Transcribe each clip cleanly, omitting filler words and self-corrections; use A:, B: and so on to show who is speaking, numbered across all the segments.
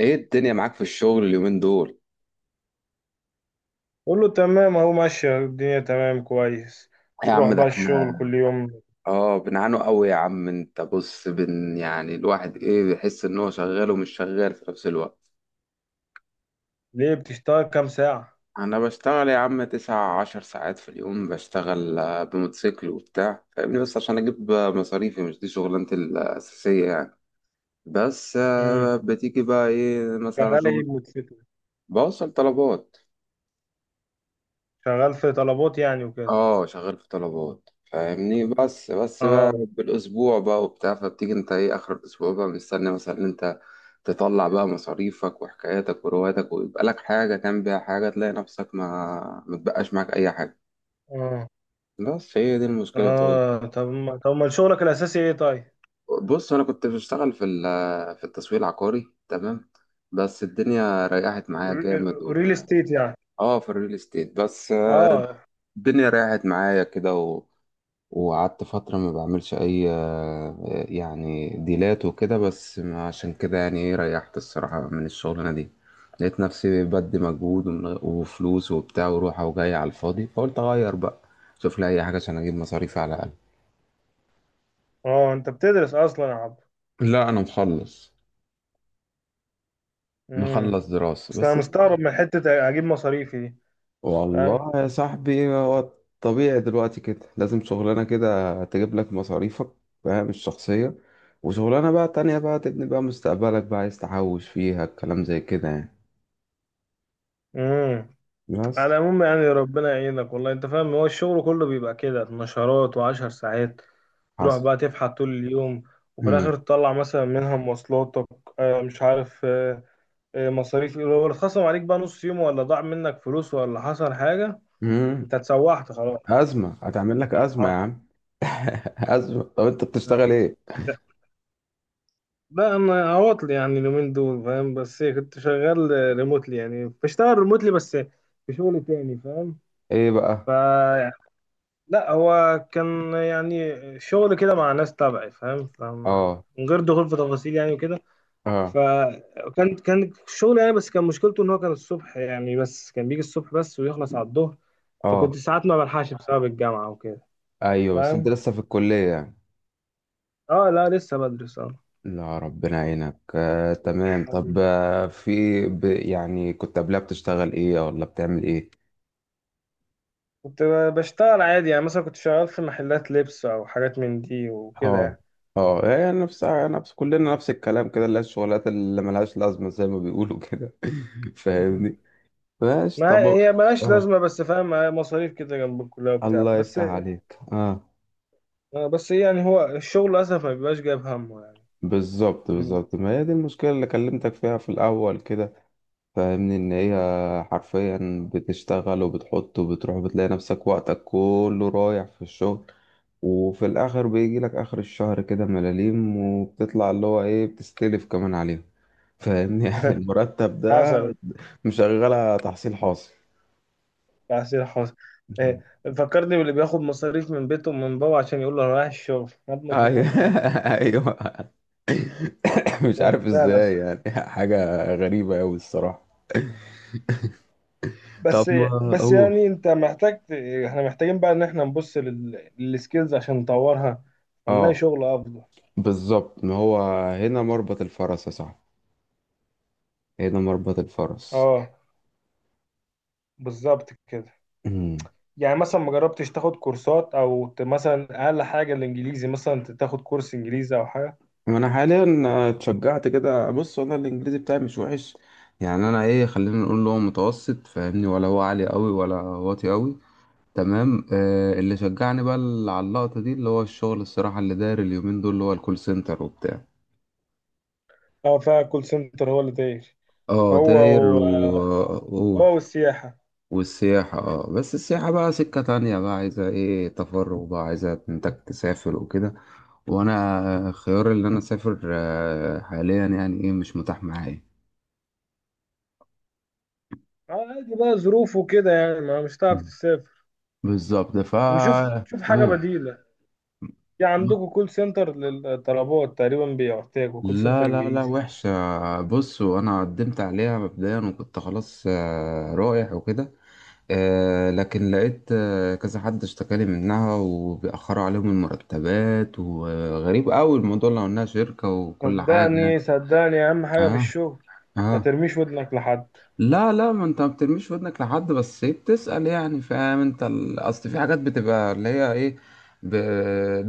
A: ايه الدنيا معاك في الشغل اليومين دول؟
B: قول له تمام اهو، ماشية الدنيا تمام كويس.
A: يا
B: تروح
A: عم ده
B: بقى
A: احنا
B: الشغل كل يوم؟
A: اه بنعانوا قوي يا عم. انت بص يعني الواحد ايه بيحس ان هو شغال ومش شغال في نفس الوقت.
B: ليه بتشتغل كام ساعة؟
A: انا بشتغل يا عم 19 ساعات في اليوم، بشتغل بموتوسيكل وبتاع فاهمني، بس عشان اجيب مصاريفي. مش دي شغلانتي الاساسية يعني. بس
B: امم
A: بتيجي بقى ايه مثلا
B: شغال ايه
A: شغل.
B: بموتوسيكل؟
A: بوصل طلبات.
B: شغال في طلبات يعني وكده.
A: اه شغال في طلبات فاهمني، بس بقى
B: اه.
A: بالاسبوع بقى وبتاع. فبتيجي انت ايه اخر الاسبوع بقى مستني مثلا ان انت تطلع بقى مصاريفك وحكاياتك ورواياتك، ويبقى لك حاجه كان بيها حاجه، تلاقي نفسك ما متبقاش معاك اي حاجه.
B: اه.
A: بس هي دي المشكله بتاعتي.
B: اه طب ما طب ما شغلك الأساسي ايه طيب؟
A: بص انا كنت بشتغل في التسويق العقاري، تمام. بس الدنيا ريحت معايا جامد
B: ريل
A: وبتاع.
B: استيت يعني.
A: اه في الريل استيت بس.
B: اه.
A: الدنيا ريحت معايا كده، وقعدت فترة ما بعملش أي يعني ديلات وكده. بس عشان كده يعني إيه ريحت الصراحة من الشغلانة دي. لقيت نفسي بدي مجهود وفلوس وبتاع وروحة وجاية على الفاضي، فقلت أغير بقى. شوف لي أي حاجة عشان أجيب مصاريفي على الأقل.
B: اه انت بتدرس اصلا يا عبد؟
A: لا أنا مخلص.
B: امم
A: مخلص دراسة
B: بس انا
A: بس.
B: مستغرب من حتة اجيب مصاريفي دي. فاهم؟
A: والله يا صاحبي هو طبيعي دلوقتي كده، لازم شغلانة كده تجيب لك مصاريفك فاهم الشخصية، وشغلانة بقى تانية بقى تبني بقى مستقبلك بقى عايز تحوش فيها الكلام زي كده يعني.
B: امم. على
A: بس.
B: العموم يعني ربنا يعينك والله. انت فاهم هو الشغل كله بيبقى كده نشرات وعشر ساعات، تروح
A: حصل.
B: بقى تفحت طول اليوم وفي
A: مم.
B: الاخر تطلع مثلا منها مواصلاتك، مش عارف، مصاريف لو اتخصم عليك بقى نص يوم ولا ضاع منك فلوس ولا حصل حاجة،
A: مم.
B: انت اتسوحت خلاص.
A: أزمة، هتعمل لك أزمة يا
B: هت-
A: عم. أزمة. طب أنت بتشتغل إيه؟
B: لا انا عواطل يعني اليومين دول فاهم، بس إيه، كنت شغال ريموتلي، يعني بشتغل ريموتلي بس في شغل تاني فاهم.
A: إيه بقى؟
B: ف لا هو كان يعني شغل كده مع ناس تبعي فاهم، فما
A: آه.
B: من غير دخول في تفاصيل يعني وكده.
A: آه.
B: فكان شغل يعني، بس كان مشكلته ان هو كان الصبح، يعني بس كان بيجي الصبح بس ويخلص على الظهر، فكنت
A: آه.
B: ساعات ما بلحقش بسبب الجامعة وكده.
A: أيوه. بس أنت
B: فاهم.
A: لسه في الكلية يعني.
B: اه لا لسه بدرس اه.
A: لا ربنا يعينك تمام. طب
B: بعدين.
A: في يعني كنت قبلها بتشتغل ايه ولا بتعمل ايه؟
B: كنت بشتغل عادي، يعني مثلا كنت شغال في محلات لبس او حاجات من دي وكده
A: اه.
B: يعني.
A: اه هي نفسها، نفس كلنا، نفس الكلام كده، اللي هي الشغلات اللي ملهاش لازمة زي ما بيقولوا كده. فاهمني. ماشي
B: ما
A: طب.
B: هي ملهاش
A: اه.
B: لازمة بس فاهم، مصاريف كده جنب الكلية وبتاع
A: الله
B: بس.
A: يفتح عليك اه.
B: بس يعني هو الشغل للأسف ما بيبقاش جايب همه يعني.
A: بالظبط بالظبط، ما هي دي المشكلة اللي كلمتك فيها في الأول كده. فاهمني إن هي حرفيا بتشتغل وبتحط وبتروح، وبتلاقي نفسك وقتك كله رايح في الشغل، وفي الآخر بيجي لك آخر الشهر كده ملاليم، وبتطلع اللي هو إيه بتستلف كمان عليهم. فاهمني يعني المرتب ده
B: حصل.
A: مشغلة تحصيل حاصل.
B: تعسير حاصل. إيه، فكرني باللي بياخد مصاريف من بيته ومن بابا عشان يقول له انا رايح الشغل، خد مصاريف
A: أيوه
B: عشان رايح.
A: أيوه. مش
B: الشغل
A: عارف
B: فعلا.
A: إزاي يعني، حاجة غريبة أوي الصراحة. طب
B: بس
A: ما
B: بس
A: أقول.
B: يعني انت محتاج ت- احنا محتاجين بقى ان احنا نبص للسكيلز عشان نطورها، هنلاقي
A: أه
B: شغل افضل.
A: بالظبط، ما هو هنا مربط الفرس يا صاحبي، هنا مربط الفرس.
B: اه، بالظبط كده. يعني مثلا ما جربتش تاخد كورسات او مثلا اقل حاجه الانجليزي، مثلا تاخد كورس انجليزي او حاجه.
A: وانا حاليا اتشجعت كده. بص انا الانجليزي بتاعي مش وحش، يعني انا ايه، خلينا نقول له متوسط فاهمني، ولا هو عالي قوي ولا واطي قوي. تمام. آه اللي شجعني بقى على اللقطة دي، اللي هو الشغل الصراحة اللي داير اليومين دول، اللي هو الكول سنتر وبتاع.
B: اه فكول سنتر هو اللي داير.
A: اه
B: هو
A: داير.
B: و...
A: وقول
B: هو والسياحه.
A: والسياحة. اه بس السياحة بقى سكة تانية بقى، عايزة ايه تفرغ بقى، عايزة انتك تسافر وكده. وانا خيار اللي انا اسافر حاليا يعني ايه مش متاح معايا.
B: آه، عادي بقى ظروف وكده، يعني ما مش هتعرف تسافر.
A: بالظبط.
B: نشوف نشوف حاجة
A: هو
B: بديلة. في عندكم كول سنتر للطلبات، تقريبا بيحتاجوا كول
A: لا
B: سنتر
A: لا لا
B: انجليزي.
A: وحشة. بص وأنا قدمت عليها مبدئيا وكنت خلاص رايح وكده. لكن لقيت كذا حد اشتكالي منها، وبيأخروا عليهم المرتبات، وغريب أوي الموضوع لو إنها شركة وكل حاجة.
B: صدقني صدقني اهم حاجة في
A: اه.
B: الشغل، ما
A: اه
B: ترميش ودنك لحد.
A: لا لا، ما انت ما بترميش ودنك لحد، بس ايه بتسأل يعني فاهم. انت اصل في حاجات بتبقى اللي هي ايه ب...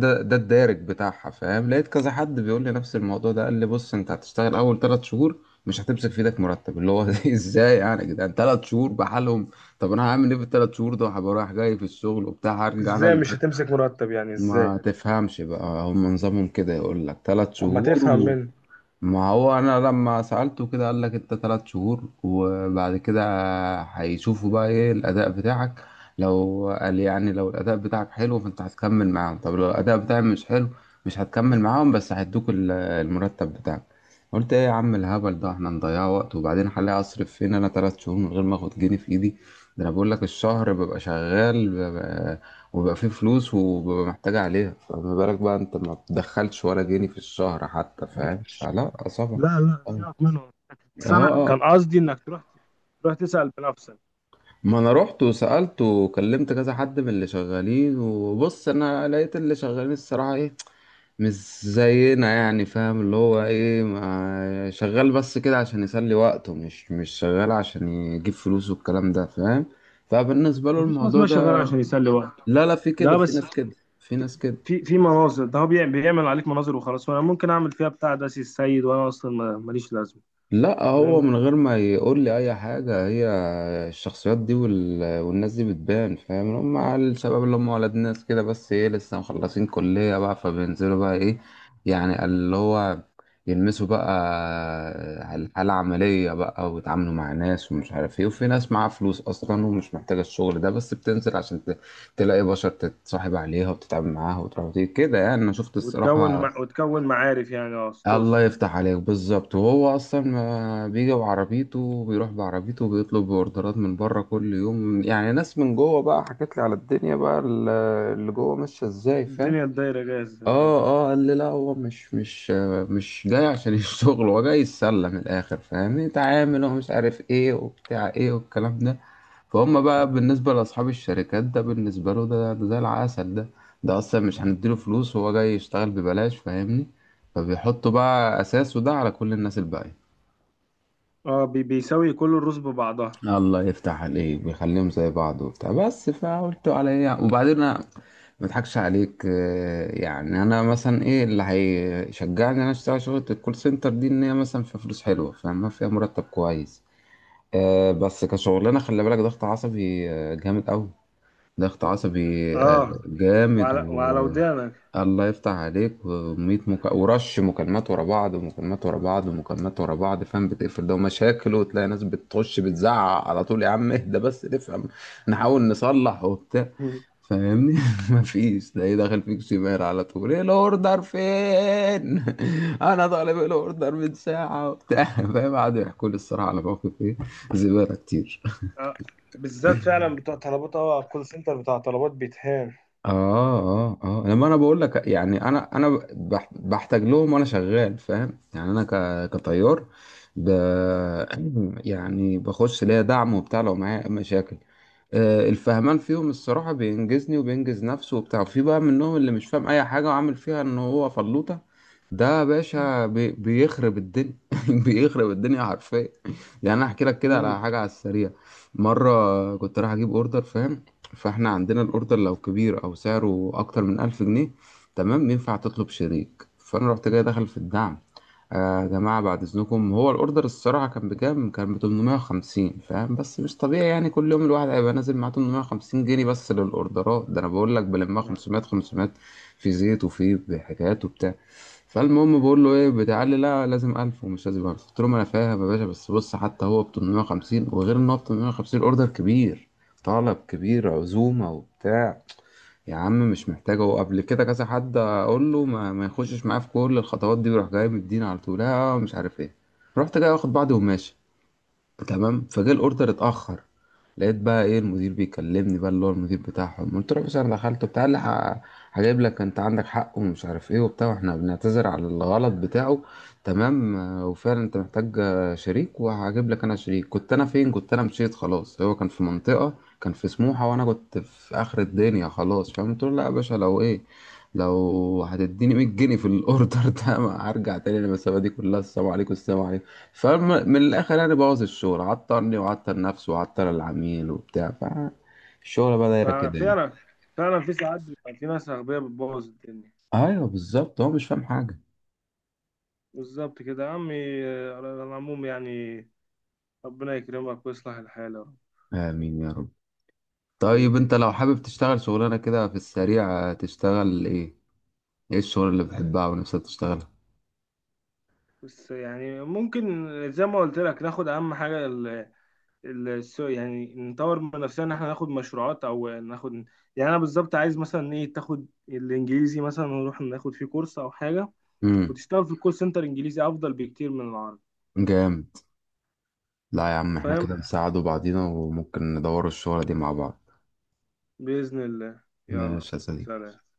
A: ده الدارج بتاعها فاهم. لقيت كذا حد بيقول لي نفس الموضوع ده، قال لي بص انت هتشتغل اول 3 شهور مش هتمسك في ايدك مرتب اللي هو. ازاي يعني يا جدعان؟ 3 شهور بحالهم! طب انا هعمل ايه في الـ3 شهور دول؟ هبقى رايح جاي في الشغل وبتاع، هرجع انا
B: ازاي مش هتمسك مرتب يعني؟
A: ما
B: ازاي؟
A: تفهمش بقى، هم نظامهم كده يقول لك ثلاث
B: طب ما تفهم
A: شهور
B: منه.
A: ما هو انا لما سألته كده قال لك انت 3 شهور وبعد كده هيشوفوا بقى ايه الاداء بتاعك. لو قال يعني لو الاداء بتاعك حلو فانت هتكمل معاهم، طب لو الاداء بتاعي مش حلو مش هتكمل معاهم بس هيدوك المرتب بتاعك. قلت ايه يا عم الهبل ده، احنا نضيع وقت، وبعدين هلاقي اصرف فين انا ثلاث شهور من غير ما اخد جنيه في ايدي؟ ده انا بقول لك الشهر ببقى شغال وبيبقى فيه فلوس وببقى محتاج عليها، فما بالك بقى انت ما بتدخلش ولا جنيه في الشهر حتى فاهم؟ فلا صعبة.
B: لا لا
A: اه.
B: سيبك منه. بس انا
A: اه
B: كان قصدي انك تروح، تروح تسأل بنفسك.
A: ما انا رحت وسألت وكلمت كذا حد من اللي شغالين. وبص انا لقيت اللي شغالين الصراحة ايه، مش زينا يعني فاهم، اللي هو ايه ما شغال بس كده عشان يسلي وقته، مش شغال عشان يجيب فلوس والكلام ده فاهم. فبالنسبة له
B: مفيش ناس
A: الموضوع
B: ماشية شغال
A: ده
B: عشان يسلي وقته.
A: لا لا، في كده،
B: ده
A: في
B: بس
A: ناس كده، في ناس كده.
B: في في مناظر، ده هو بيعمل, بيعمل عليك مناظر وخلاص، وانا ممكن اعمل فيها بتاع داسي السيد، وانا اصلا ماليش لازمة.
A: لا هو
B: فاهم.
A: من غير ما يقول لي اي حاجه، هي الشخصيات دي والناس دي بتبان فاهم. هم على الشباب اللي هم ولاد ناس كده، بس ايه لسه مخلصين كليه بقى، فبينزلوا بقى ايه يعني اللي هو يلمسوا بقى الحاله العمليه بقى، ويتعاملوا مع ناس ومش عارف ايه. وفي ناس معاها فلوس اصلا ومش محتاجه الشغل ده، بس بتنزل عشان تلاقي بشر تتصاحب عليها وتتعامل معاها وتروح وتيجي كده يعني. انا شفت الصراحه.
B: وتكون معارف يعني، اه
A: الله
B: ستوس.
A: يفتح عليك بالظبط. وهو اصلا ما بيجي بعربيته وبيروح بعربيته، وبيطلب اوردرات من بره كل يوم يعني. ناس من جوه بقى حكت لي على الدنيا بقى اللي جوه ماشيه ازاي فاهم.
B: الدنيا الدايرة جاهزة اه.
A: اه. اه قال لي لا هو مش مش جاي عشان الشغل، هو جاي يتسلى من الاخر فاهمني، تعامل ومش عارف ايه وبتاع ايه والكلام ده. فهم بقى بالنسبه لاصحاب الشركات ده، بالنسبه له ده زي العسل ده. ده اصلا مش هنديله فلوس، هو جاي يشتغل ببلاش فاهمني. فبيحطوا بقى اساسه ده على كل الناس الباقيه.
B: اه بيساوي كل الرز ببعضها.
A: الله يفتح عليك، بيخليهم زي بعض وبتاع. بس فقلت على ايه وبعدين انا ما اضحكش عليك يعني انا مثلا ايه اللي هيشجعني ان انا اشتغل شغلة الكول سنتر دي، ان هي مثلا فيها فلوس حلوة فاهمة، فيها مرتب كويس بس كشغلانة خلي بالك ضغط عصبي جامد قوي. ضغط عصبي
B: اه،
A: جامد.
B: وعلى وعلى
A: و
B: ودانك.
A: الله يفتح عليك. ورش مكالمات ورا بعض، ومكالمات ورا بعض، ومكالمات ورا بعض فاهم. بتقفل ده ومشاكل، وتلاقي ناس بتخش بتزعق على طول، يا عم اهدى بس نفهم نحاول نصلح وبتاع. فاهمني. مفيش. تلاقيه داخل فيك شمال على طول، ايه الاوردر فين؟ انا طالب الاوردر من ساعه وبتاع فاهم. قعدوا يحكوا لي الصراحه على موقف ايه، زباله كتير.
B: اه بالذات فعلا بتوع طلبات، اه الكول سنتر بتاع طلبات بيتهان.
A: اه. اه اه لما انا بقول لك، يعني انا بحتاج لهم وانا شغال فاهم. يعني انا كطيار ب يعني بخش ليا دعم وبتاع لو معايا مشاكل. الفهمان فيهم الصراحة بينجزني وبينجز نفسه وبتاع. في بقى منهم اللي مش فاهم أي حاجة، وعامل فيها إن هو فلوطة. ده يا باشا بيخرب الدنيا بيخرب الدنيا حرفيا. يعني أنا أحكي لك كده على
B: امم.
A: حاجة على السريع. مرة كنت رايح أجيب أوردر فاهم. فاحنا عندنا الاوردر لو كبير او سعره اكتر من 1000 جنيه تمام، ينفع تطلب شريك. فانا رحت جاي داخل في الدعم، آه يا جماعه بعد اذنكم، هو الاوردر الصراحه كان بكام، كان ب 850 فاهم. بس مش طبيعي يعني كل يوم الواحد هيبقى نازل معاه 850 جنيه بس للاوردرات، ده انا بقول لك بلمها
B: آه.
A: 500 500 في زيت وفي حكايات وبتاع. فالمهم بقول له ايه بتاع، قال لي لا لازم 1000. ومش لازم 1000، قلت له ما انا فاهم يا باشا. بس بص حتى هو ب 850، وغير ان هو ب 850 اوردر كبير، طلب كبير عزومة وبتاع. يا عم مش محتاجة. هو قبل كده كذا حد أقول له ما يخشش معايا في كل الخطوات دي ويروح جاي مديني على طول لا مش عارف إيه. رحت جاي واخد بعضي وماشي، تمام. فجه الاوردر اتاخر، لقيت بقى ايه المدير بيكلمني بقى اللي هو المدير بتاعهم. قلت له بس انا دخلت بتاع اللي هجيب لك انت عندك حق ومش عارف ايه وبتاع، واحنا بنعتذر على الغلط بتاعه. تمام وفعلا انت محتاج شريك، وهجيب لك انا شريك. كنت انا فين؟ كنت انا مشيت خلاص. هو كان في منطقة، كان في سموحة، وانا كنت في اخر الدنيا خلاص فاهم. قلت له لا يا باشا، لو ايه لو هتديني 100 جنيه في الاوردر ده ما هرجع تاني للمسافة دي كلها. السلام عليكم، السلام عليكم. فمن الآخر يعني بوظ الشغل، عطرني وعطر نفسه وعطر العميل وبتاع. فالشغل بقى دايرة كده يعني.
B: ففعلا فعلا في ساعات بيبقى في ناس أغبياء بتبوظ الدنيا.
A: أيوه بالظبط، هو مش فاهم حاجة.
B: بالظبط كده يا عمي. آه، على العموم يعني ربنا يكرمك ويصلح الحال يا رب.
A: آمين يا رب. طيب
B: حبيبي.
A: أنت لو حابب تشتغل شغلانة كده في السريع تشتغل إيه؟ إيه الشغل اللي بتحبها ونفسك تشتغلها؟
B: بس يعني ممكن زي ما قلت لك ناخد أهم حاجة، يعني نطور من نفسنا ان احنا ناخد مشروعات او ناخد. يعني انا بالظبط عايز مثلا ايه، تاخد الانجليزي مثلا، ونروح ناخد فيه كورس او حاجه.
A: امم.
B: وتشتغل في الكول سنتر انجليزي افضل بكتير من العربي.
A: جامد. لا يا عم إحنا كده
B: فاهم.
A: نساعد بعضينا، وممكن ندور الشغلة دي مع بعض.
B: باذن الله. يلا.
A: ماشي يا صديقي.
B: سلام.